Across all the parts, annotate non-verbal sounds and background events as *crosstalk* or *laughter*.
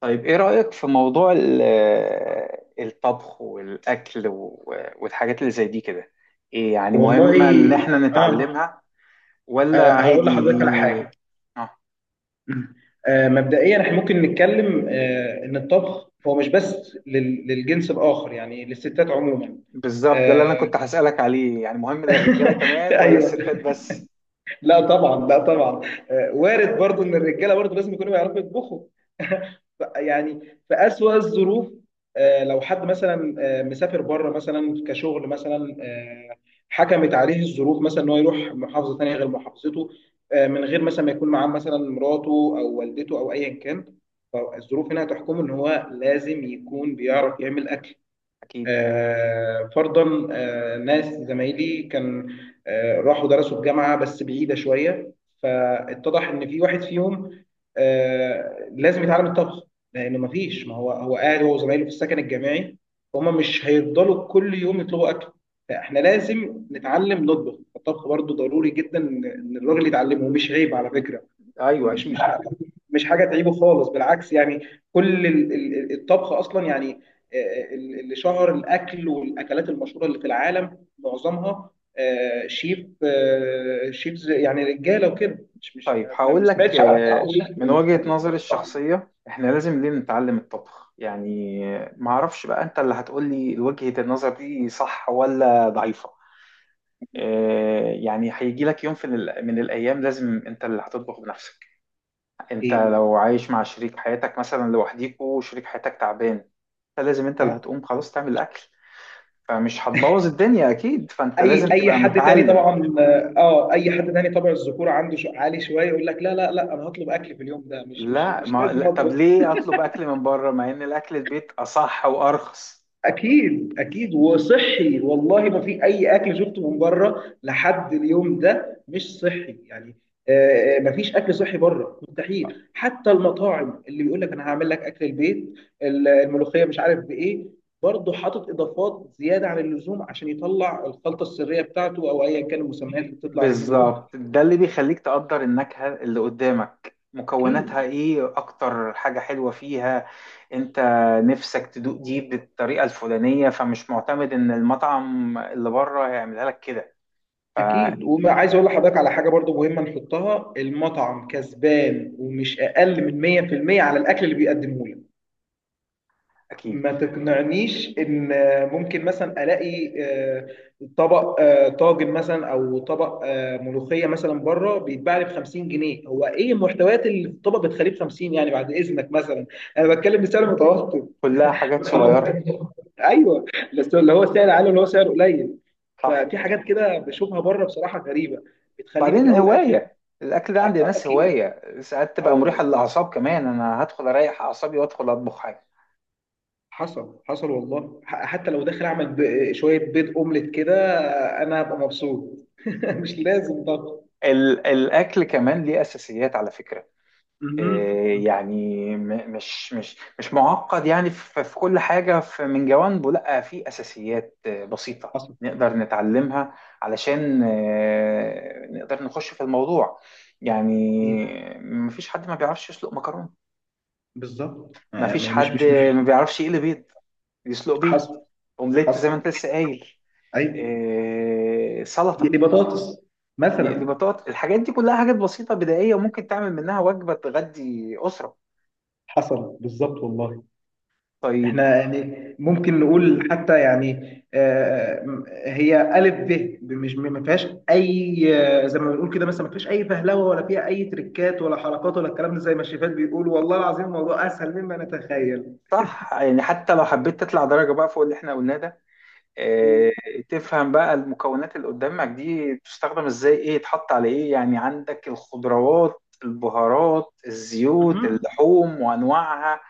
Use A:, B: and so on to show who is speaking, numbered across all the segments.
A: طيب، ايه رأيك في موضوع الطبخ والأكل والحاجات اللي زي دي كده؟ ايه يعني
B: والله.
A: مهمة ان احنا
B: اه.
A: نتعلمها ولا
B: هقول
A: عادي
B: لحضرتك على حاجه.
A: دي؟ اه.
B: مبدئيا احنا ممكن نتكلم ان الطبخ هو مش بس للجنس الاخر، يعني للستات عموما.
A: بالظبط، ده اللي انا
B: آه،
A: كنت هسألك عليه. يعني مهم للرجالة
B: *laughs*
A: كمان ولا
B: ايوه.
A: الستات بس؟
B: لا طبعا، لا طبعا. وارد برضو ان الرجاله برضو لازم يكونوا بيعرفوا يطبخوا. *laughs* يعني في اسوأ الظروف. لو حد مثلا مسافر بره مثلا كشغل مثلا، حكمت عليه الظروف مثلا ان هو يروح محافظه ثانيه غير محافظته. من غير مثلا ما يكون معاه مثلا مراته او والدته او ايا كان. فالظروف هنا هتحكمه ان هو لازم يكون بيعرف يعمل اكل.
A: اكيد.
B: فرضا، ناس زمايلي كان راحوا درسوا في جامعة بس بعيدة شوية، فاتضح ان في واحد فيهم لازم يتعلم الطبخ. لانه ما فيش، ما هو هو قاعد هو وزمايله في السكن الجامعي، فهم مش هيفضلوا كل يوم يطلبوا اكل. فاحنا لازم نتعلم نطبخ. الطبخ برضو ضروري جدا إن الراجل يتعلمه، ومش عيب على فكرة.
A: ايوه
B: مش مش
A: اكيد.
B: مش حاجه تعيبه خالص، بالعكس يعني. كل الطبخ اصلا يعني، اللي شهر الاكل والاكلات المشهوره اللي في العالم معظمها شيفز، يعني رجاله وكده، مش
A: طيب
B: ما
A: هقول لك،
B: سمعتش عن.
A: من وجهة نظري الشخصية احنا لازم ليه نتعلم الطبخ. يعني معرفش بقى انت اللي هتقولي وجهة النظر دي صح ولا ضعيفة. يعني هيجي لك يوم من الأيام لازم أنت اللي هتطبخ بنفسك. أنت
B: اكيد.
A: لو عايش مع شريك حياتك مثلا لوحديكوا وشريك حياتك تعبان، فلازم أنت اللي
B: اه.
A: هتقوم خلاص تعمل الأكل، فمش هتبوظ الدنيا أكيد، فأنت لازم
B: اي
A: تبقى
B: حد تاني
A: متعلم.
B: طبعا. اه، اي حد تاني طبع الذكوره عنده شو عالي شويه، يقول لك لا لا لا، انا هطلب اكل في اليوم ده، مش مش
A: لا،
B: مش
A: ما
B: لازم
A: لا طب
B: اطبخ.
A: ليه أطلب أكل من بره مع إن الأكل البيت أصح وأرخص؟
B: اكيد، اكيد. وصحي والله، ما في اي اكل شفته من بره لحد اليوم ده مش صحي يعني. ما فيش اكل صحي بره، مستحيل. حتى المطاعم اللي بيقول لك انا هعمل لك اكل البيت، الملوخيه مش عارف بايه، برضه حاطط اضافات زياده عن اللزوم عشان يطلع الخلطه السريه بتاعته او ايا كان المسميات اللي بتطلع اليومين دول.
A: بالظبط، ده اللي بيخليك تقدر النكهة اللي قدامك مكوناتها
B: اكيد،
A: ايه. اكتر حاجة حلوة فيها انت نفسك تدوق دي بالطريقة الفلانية، فمش معتمد ان المطعم اللي بره هيعملها لك كده.
B: اكيد. وعايز اقول لحضرتك على حاجه برضو مهمه نحطها: المطعم كسبان ومش اقل من 100% على الاكل اللي بيقدمه لك.
A: اكيد.
B: ما تقنعنيش ان ممكن مثلا الاقي طبق طاجن مثلا او طبق ملوخيه مثلا بره بيتباع لي ب 50 جنيه. هو ايه المحتويات اللي في الطبق بتخليه ب 50، يعني بعد اذنك مثلا. انا بتكلم بسعر متوسط.
A: كلها حاجات صغيرة.
B: *laughs* ايوه، بس اللي هو سعر عالي اللي هو سعر قليل.
A: صح.
B: في حاجات كده بشوفها بره بصراحه غريبه، بتخليني في
A: بعدين
B: الاول والاخر.
A: الهواية الاكل ده عند ناس
B: اكيد.
A: هواية ساعات
B: اه
A: تبقى مريحة
B: والله،
A: للاعصاب كمان، انا هدخل اريح اعصابي وادخل اطبخ حاجة.
B: حصل، حصل والله. حتى لو داخل اعمل شويه بيض اومليت كده، انا هبقى مبسوط. *laughs* مش لازم ضغط.
A: الاكل كمان ليه اساسيات على فكرة.
B: مهم.
A: يعني مش معقد. يعني في كل حاجة من جوانبه لا، في أساسيات بسيطة
B: حصل.
A: نقدر نتعلمها، علشان نقدر نخش في الموضوع. يعني
B: ايه
A: مفيش حد ما بيعرفش يسلق مكرونة.
B: بالظبط،
A: مفيش
B: يعني مش
A: حد
B: مش
A: ما
B: مش
A: بيعرفش يقلي بيض، يسلق بيض،
B: حصل،
A: أومليت زي
B: حصل.
A: ما أنت لسه قايل،
B: ايوه، دي
A: سلطة،
B: بطاطس
A: يقلي
B: مثلا.
A: بطاطا. الحاجات دي كلها حاجات بسيطة بدائية، وممكن تعمل منها وجبة تغدي أسرة.
B: حصل بالظبط والله.
A: طيب.
B: احنا يعني ممكن نقول حتى يعني هي الف ب، مش ما فيهاش اي، زي ما بنقول كده، مثلا ما فيهاش اي فهلوه ولا فيها اي تريكات ولا حركات ولا الكلام ده، زي ما الشيفات بيقولوا. والله العظيم الموضوع اسهل مما نتخيل.
A: صح، يعني حتى لو حبيت تطلع درجة بقى فوق اللي احنا قلناه ده. اه.
B: مم.
A: تفهم بقى المكونات اللي قدامك دي بتستخدم ازاي، ايه يتحط على ايه. يعني عندك الخضروات، البهارات، الزيوت،
B: مهم.
A: اللحوم وانواعها.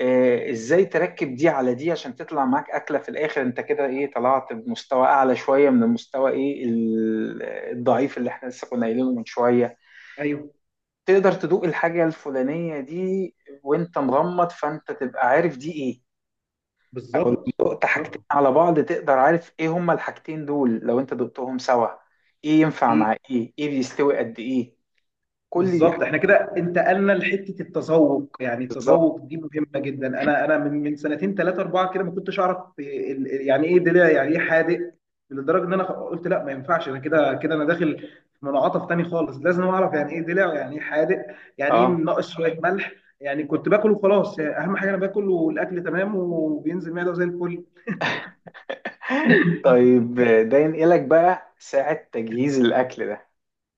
A: اه ازاي تركب دي على دي عشان تطلع معاك اكلة في الاخر، انت كده ايه طلعت بمستوى اعلى شوية من المستوى، ايه الضعيف اللي احنا لسه كنا قايلينه من شوية.
B: ايوه،
A: تقدر تدوق الحاجة الفلانية دي وانت مغمض، فانت تبقى عارف دي ايه. ولو
B: بالظبط،
A: دقت حاجتين
B: بالظبط.
A: على بعض تقدر عارف ايه هما الحاجتين دول لو انت دقتهم سوا، ايه ينفع مع ايه، ايه بيستوي قد ايه. كل دي حاجات.
B: بالظبط احنا كده انتقلنا لحته التذوق. يعني
A: بالظبط.
B: التذوق دي مهمه جدا. انا من سنتين ثلاثه اربعه كده ما كنتش اعرف يعني ايه دلع، يعني ايه حادق. لدرجه ان انا قلت لا ما ينفعش، انا كده كده انا داخل في منعطف تاني خالص، لازم اعرف يعني ايه دلع يعني ايه حادق، يعني ايه
A: اه.
B: ناقص شويه ملح. يعني كنت باكل وخلاص، يعني اهم حاجه انا باكل والاكل تمام وبينزل معده زي الفل.
A: *laughs* طيب، ده ينقلك بقى ساعة تجهيز الأكل ده.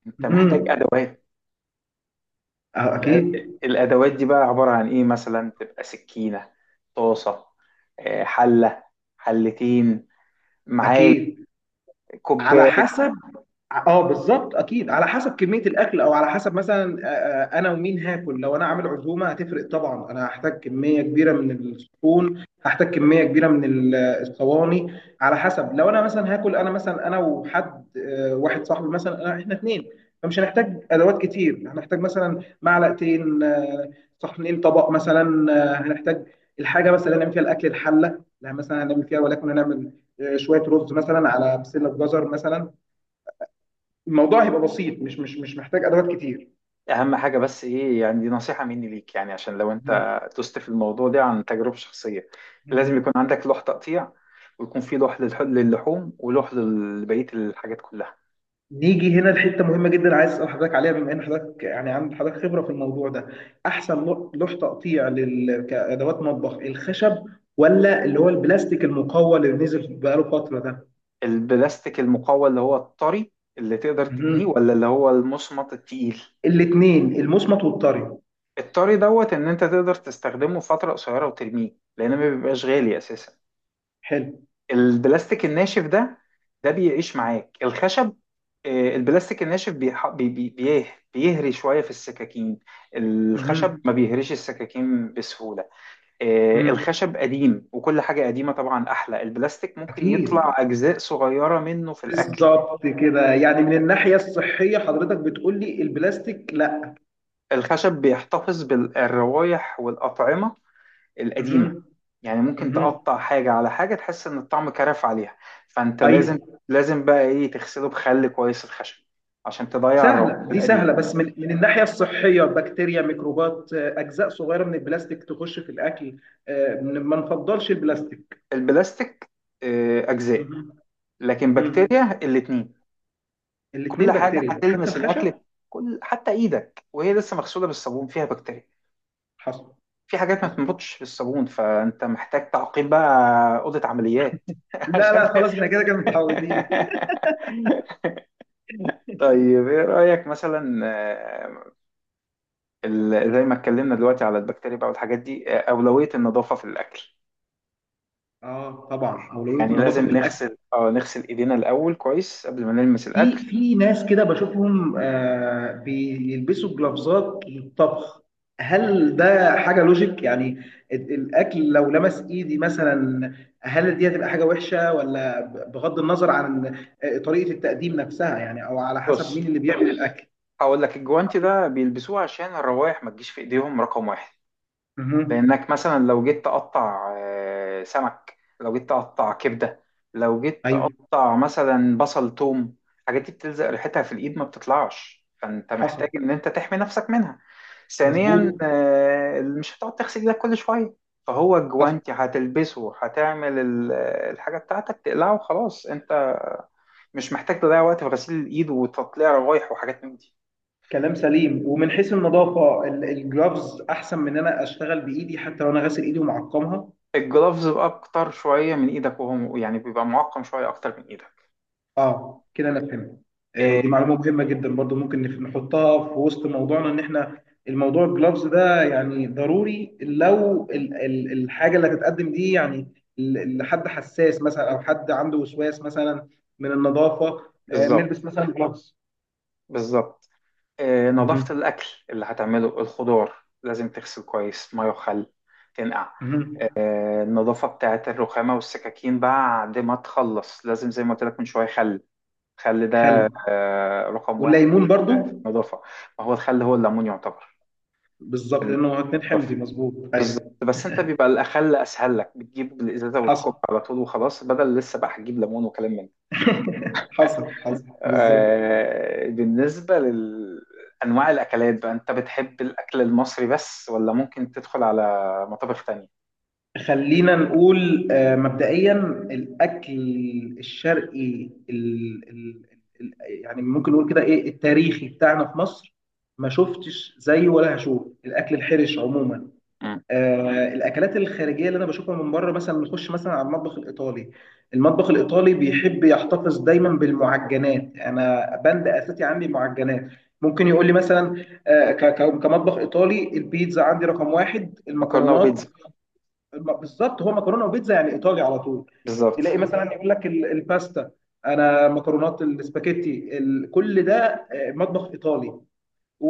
A: أنت محتاج
B: مهم.
A: أدوات.
B: اه
A: الأ-
B: اكيد.
A: الأدوات دي بقى عبارة عن إيه، مثلا تبقى سكينة، طاسة، حلة، حلتين، معالق،
B: اكيد على
A: كوباية.
B: حسب. اه، بالظبط اكيد على حسب كميه الاكل، او على حسب مثلا انا ومين هاكل. لو انا عامل عزومه هتفرق طبعا، انا هحتاج كميه كبيره من الصحون، هحتاج كميه كبيره من الصواني. على حسب. لو انا مثلا هاكل، انا مثلا انا وحد واحد صاحبي مثلا، أنا احنا اتنين، فمش هنحتاج ادوات كتير. هنحتاج مثلا معلقتين، صحنين، طبق مثلا، هنحتاج الحاجه مثلا اللي هنعمل فيها الاكل، الحله. لا، مثلا هنعمل فيها ولكن هنعمل شويه رز مثلا على بسله جزر مثلا. الموضوع هيبقى بسيط، مش محتاج ادوات كتير.
A: اهم حاجه بس ايه، يعني دي نصيحه مني ليك، يعني عشان لو
B: مم.
A: انت تست في الموضوع ده عن تجربه شخصيه، لازم
B: مم.
A: يكون عندك لوح تقطيع، ويكون في لوح للحوم ولوح لبقيه الحاجات كلها.
B: نيجي هنا لحته مهمه جدا، عايز اسال حضرتك عليها بما ان حضرتك يعني عندك حضرتك خبره في الموضوع ده. احسن لوح تقطيع لل... كادوات مطبخ، الخشب ولا اللي هو البلاستيك المقوى اللي نزل بقاله فتره ده؟
A: البلاستيك المقوى اللي هو الطري اللي تقدر تتنيه،
B: مم.
A: ولا اللي هو المصمت التقيل؟
B: الاثنين، المصمت والطري.
A: الطري دوت ان انت تقدر تستخدمه فتره قصيره وترميه لان ما بيبقاش غالي اساسا.
B: حلو.
A: البلاستيك الناشف ده، ده بيعيش معاك الخشب. البلاستيك الناشف بيهري شوية في السكاكين. الخشب
B: مم.
A: ما بيهريش السكاكين بسهولة.
B: مم.
A: الخشب قديم وكل حاجة قديمة طبعا أحلى. البلاستيك ممكن يطلع
B: اكيد،
A: أجزاء صغيرة منه في الأكل.
B: بالظبط كده، يعني من الناحيه الصحيه حضرتك بتقول لي البلاستيك لا.
A: الخشب بيحتفظ بالروايح والأطعمة القديمة،
B: مهم.
A: يعني ممكن
B: مهم.
A: تقطع حاجة على حاجة تحس إن الطعم كرف عليها. فأنت لازم،
B: ايوه،
A: لازم بقى إيه تغسله بخل كويس الخشب عشان تضيع الروائح
B: سهلة دي، سهلة،
A: القديمة.
B: بس من الناحية الصحية بكتيريا، ميكروبات، أجزاء صغيرة من البلاستيك تخش في الأكل، ما نفضلش البلاستيك.
A: البلاستيك أجزاء،
B: مهم.
A: لكن
B: مم.
A: بكتيريا الاتنين. كل
B: الاتنين
A: حاجة
B: بكتيريا، حتى
A: هتلمس
B: الخشب.
A: الأكل، كل حتى إيدك وهي لسه مغسولة بالصابون فيها بكتيريا.
B: حصل،
A: في حاجات ما
B: حصل.
A: بتنبطش بالصابون فأنت محتاج تعقيم بقى، أوضة عمليات *laughs*
B: لا
A: عشان
B: لا،
A: *laughs*
B: خلاص احنا كده كده متعودين. *laughs*
A: طيب، إيه رأيك مثلا زي ما اتكلمنا دلوقتي على البكتيريا بقى والحاجات دي، أولوية النظافة في الأكل.
B: اه طبعا، أولوية
A: يعني
B: النظافة
A: لازم
B: في الأكل.
A: نغسل ايدينا الأول كويس قبل ما نلمس الأكل.
B: في ناس كده بشوفهم بيلبسوا جلافزات للطبخ. هل ده حاجة لوجيك يعني؟ الأكل لو لمس إيدي مثلا، هل دي هتبقى حاجة وحشة، ولا بغض النظر عن طريقة التقديم نفسها، يعني أو على حسب
A: بص،
B: مين اللي بيعمل الأكل؟
A: هقول لك الجوانتي ده بيلبسوه عشان الروائح ما تجيش في ايديهم، رقم واحد.
B: مهم.
A: لانك مثلا لو جيت تقطع سمك، لو جيت تقطع كبده، لو جيت
B: أيوه.
A: تقطع مثلا بصل توم، الحاجات دي بتلزق ريحتها في الايد ما بتطلعش، فانت محتاج
B: حصل.
A: ان انت تحمي نفسك منها. ثانيا
B: مظبوط.
A: مش هتقعد تغسل ايدك كل شويه، فهو
B: حصل.
A: الجوانتي هتلبسه هتعمل الحاجه بتاعتك تقلعه وخلاص، انت مش محتاج تضيع وقت في غسيل الايد وتطليع روايح وحاجات من دي.
B: كلام سليم، ومن حيث النظافة الجلافز أحسن من إن أنا أشتغل بإيدي حتى لو أنا غاسل إيدي ومعقمها.
A: الجلافز بقى اكتر شويه من ايدك، وهو يعني بيبقى معقم شويه اكتر من ايدك.
B: اه كده انا فهمت.
A: آه،
B: دي معلومه مهمه جدا برضو، ممكن نحطها في وسط موضوعنا، ان احنا الموضوع الجلافز ده يعني ضروري، لو الحاجه اللي هتتقدم دي يعني لحد حساس مثلا، او حد عنده وسواس مثلا من النظافه،
A: بالظبط،
B: نلبس مثلا جلافز.
A: بالظبط.
B: مهم.
A: نظافة الأكل اللي هتعمله، الخضار لازم تغسل كويس مية وخل، تنقع.
B: مهم.
A: النظافة بتاعة الرخامة والسكاكين بعد ما تخلص لازم زي ما قلت لك من شوية، خل. الخل
B: خل،
A: ده رقم واحد
B: والليمون
A: في
B: برضو.
A: النظافة. ما هو الخل هو الليمون يعتبر
B: بالظبط
A: في
B: لانه هو اتنين حمضي،
A: النظافة.
B: مظبوط
A: بالظبط،
B: ايوه.
A: بس انت بيبقى الأخل أسهل لك، بتجيب الإزازة وتكب
B: حصل.
A: على طول وخلاص، بدل لسه بقى هتجيب ليمون وكلام من ده.
B: *laughs* حصل، حصل بالظبط.
A: بالنسبة لأنواع الأكلات بقى، أنت بتحب الأكل المصري بس ولا ممكن تدخل على مطابخ تانية؟
B: خلينا نقول مبدئيا الأكل الشرقي، ال ال ال يعني ممكن نقول كده إيه التاريخي بتاعنا في مصر، ما شفتش زيه ولا هشوف الأكل الحرش عموما.
A: مم.
B: الأكلات الخارجية اللي أنا بشوفها من بره، مثلا نخش مثلا على المطبخ الإيطالي. المطبخ الإيطالي بيحب يحتفظ دايما بالمعجنات، أنا بند أساسي عندي معجنات. ممكن يقول لي مثلا كمطبخ إيطالي، البيتزا عندي رقم واحد،
A: مكرونة
B: المكرونات.
A: وبيتزا.
B: بالظبط، هو مكرونه وبيتزا، يعني ايطالي على طول.
A: بالظبط.
B: تلاقي مثلا يقول لك الباستا، انا مكرونات السباكيتي كل ده مطبخ ايطالي.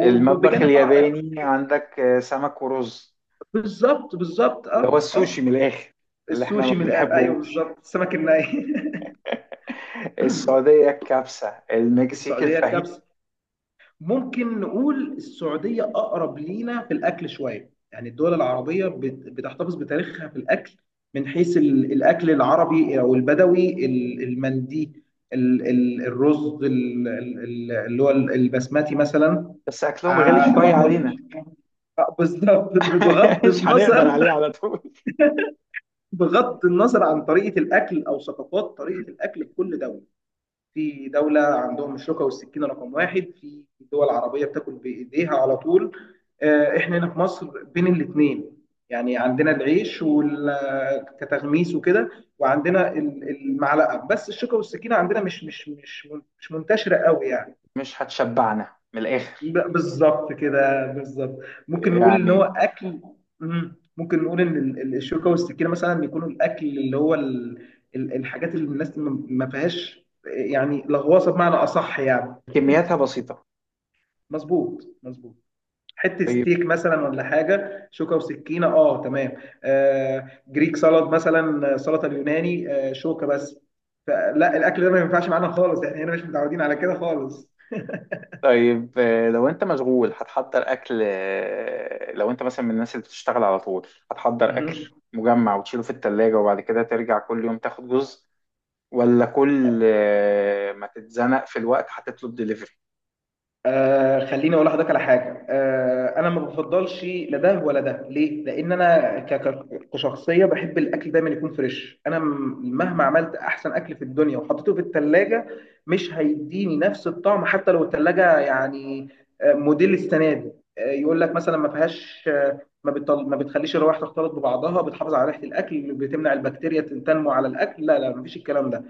A: المطبخ
B: طبعا،
A: الياباني عندك سمك ورز،
B: بالظبط، بالظبط.
A: اللي هو
B: اه، اه.
A: السوشي من الآخر، اللي احنا ما
B: السوشي من الآخر، ايوه
A: بنحبوش.
B: بالظبط، السمك الني.
A: *laughs*
B: *laughs*
A: السعودية الكبسة، المكسيك
B: السعوديه
A: الفاهيتا.
B: الكبسه. ممكن نقول السعودية أقرب لينا في الأكل شوية، يعني الدول العربية بتحتفظ بتاريخها في الأكل. من حيث الأكل العربي أو البدوي، المندي، الرز، اللي هو البسماتي مثلا.
A: بس أكلهم غالي شوية
B: طبعا
A: علينا.
B: بالظبط.
A: *laughs*
B: بغض
A: مش هنقدر عليه
B: النظر،
A: على طول.
B: بغض النظر عن طريقة الأكل أو ثقافات طريقة الأكل في كل دولة. في دولة عندهم الشوكة والسكينة رقم واحد، في دول عربية بتاكل بإيديها على طول. إحنا هنا في مصر بين الاتنين، يعني عندنا العيش كتغميس وكده، وعندنا المعلقة، بس الشوكة والسكينة عندنا مش مش منتشرة قوي يعني.
A: مش هتشبعنا من الآخر
B: بالظبط كده، بالظبط. ممكن نقول ان هو
A: يعني.
B: اكل. مم. ممكن نقول ان الشوكه والسكينه مثلا بيكونوا الاكل اللي هو ال... الحاجات اللي الناس ما فيهاش يعني لغواصه، بمعنى اصح يعني.
A: كمياتها بسيطة.
B: مظبوط، مظبوط. حته
A: طيب.
B: ستيك مثلا ولا حاجه شوكه وسكينه، اه تمام. جريك سالاد مثلا، سلطه اليوناني، شوكه بس. فلا الاكل ده ما ينفعش معانا خالص، احنا هنا مش متعودين على كده خالص.
A: طيب لو انت مشغول هتحضر اكل، لو انت مثلا من الناس اللي بتشتغل على طول، هتحضر اكل
B: مهم.
A: مجمع وتشيله في التلاجة وبعد كده ترجع كل يوم تاخد جزء، ولا كل ما تتزنق في الوقت هتطلب دليفري؟
B: خليني اقول لحضرتك على حاجه. انا ما بفضلش لا ده ولا ده، ليه؟ لان انا كشخصيه بحب الاكل دايما يكون فريش. انا مهما عملت احسن اكل في الدنيا وحطيته في الثلاجه، مش هيديني نفس الطعم. حتى لو الثلاجه يعني موديل السنه دي، يقول لك مثلا ما فيهاش، ما بتخليش الروائح تختلط ببعضها، بتحافظ على ريحه الاكل، بتمنع البكتيريا تنمو على الاكل، لا لا، مفيش الكلام ده.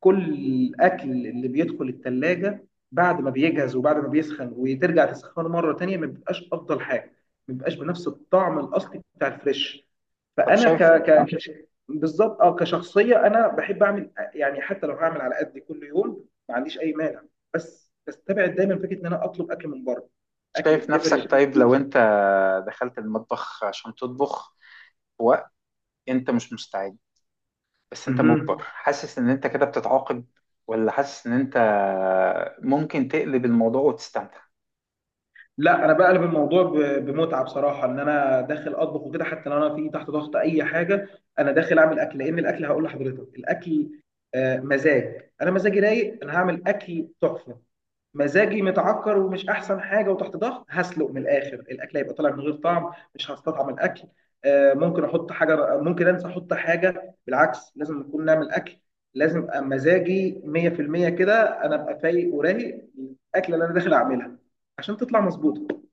B: كل الاكل اللي بيدخل التلاجة بعد ما بيجهز وبعد ما بيسخن وترجع تسخنه مره تانية ما بيبقاش افضل حاجه، ما بيبقاش بنفس الطعم الاصلي بتاع الفريش.
A: طب
B: فانا ك ك صح، بالظبط. اه، كشخصيه انا بحب اعمل يعني حتى لو هعمل على قد كل يوم ما عنديش اي مانع، بس بستبعد دايما فكره ان انا اطلب اكل من بره، اكل
A: شايف
B: دليفري.
A: نفسك. طيب لو انت دخلت المطبخ عشان تطبخ في وقت انت مش مستعد، بس انت مجبر، حاسس ان انت كده بتتعاقب، ولا حاسس ان انت ممكن تقلب الموضوع وتستمتع؟
B: لا، انا بقلب الموضوع بمتعه بصراحه، ان انا داخل اطبخ وكده حتى لو انا في تحت ضغط اي حاجه. انا داخل اعمل اكل، لان الاكل، هقول لحضرتك، الاكل مزاج. انا مزاجي رايق، انا هعمل اكل تحفه. مزاجي متعكر ومش احسن حاجه وتحت ضغط، هسلق من الاخر، الاكل هيبقى طالع من غير طعم، مش هستطعم الاكل. ممكن احط حاجه، ممكن انسى احط حاجه، بالعكس لازم نكون نعمل اكل. لازم أبقى مزاجي 100% كده، انا ابقى فايق ورايق، الاكله اللي انا داخل اعملها عشان تطلع مظبوطه.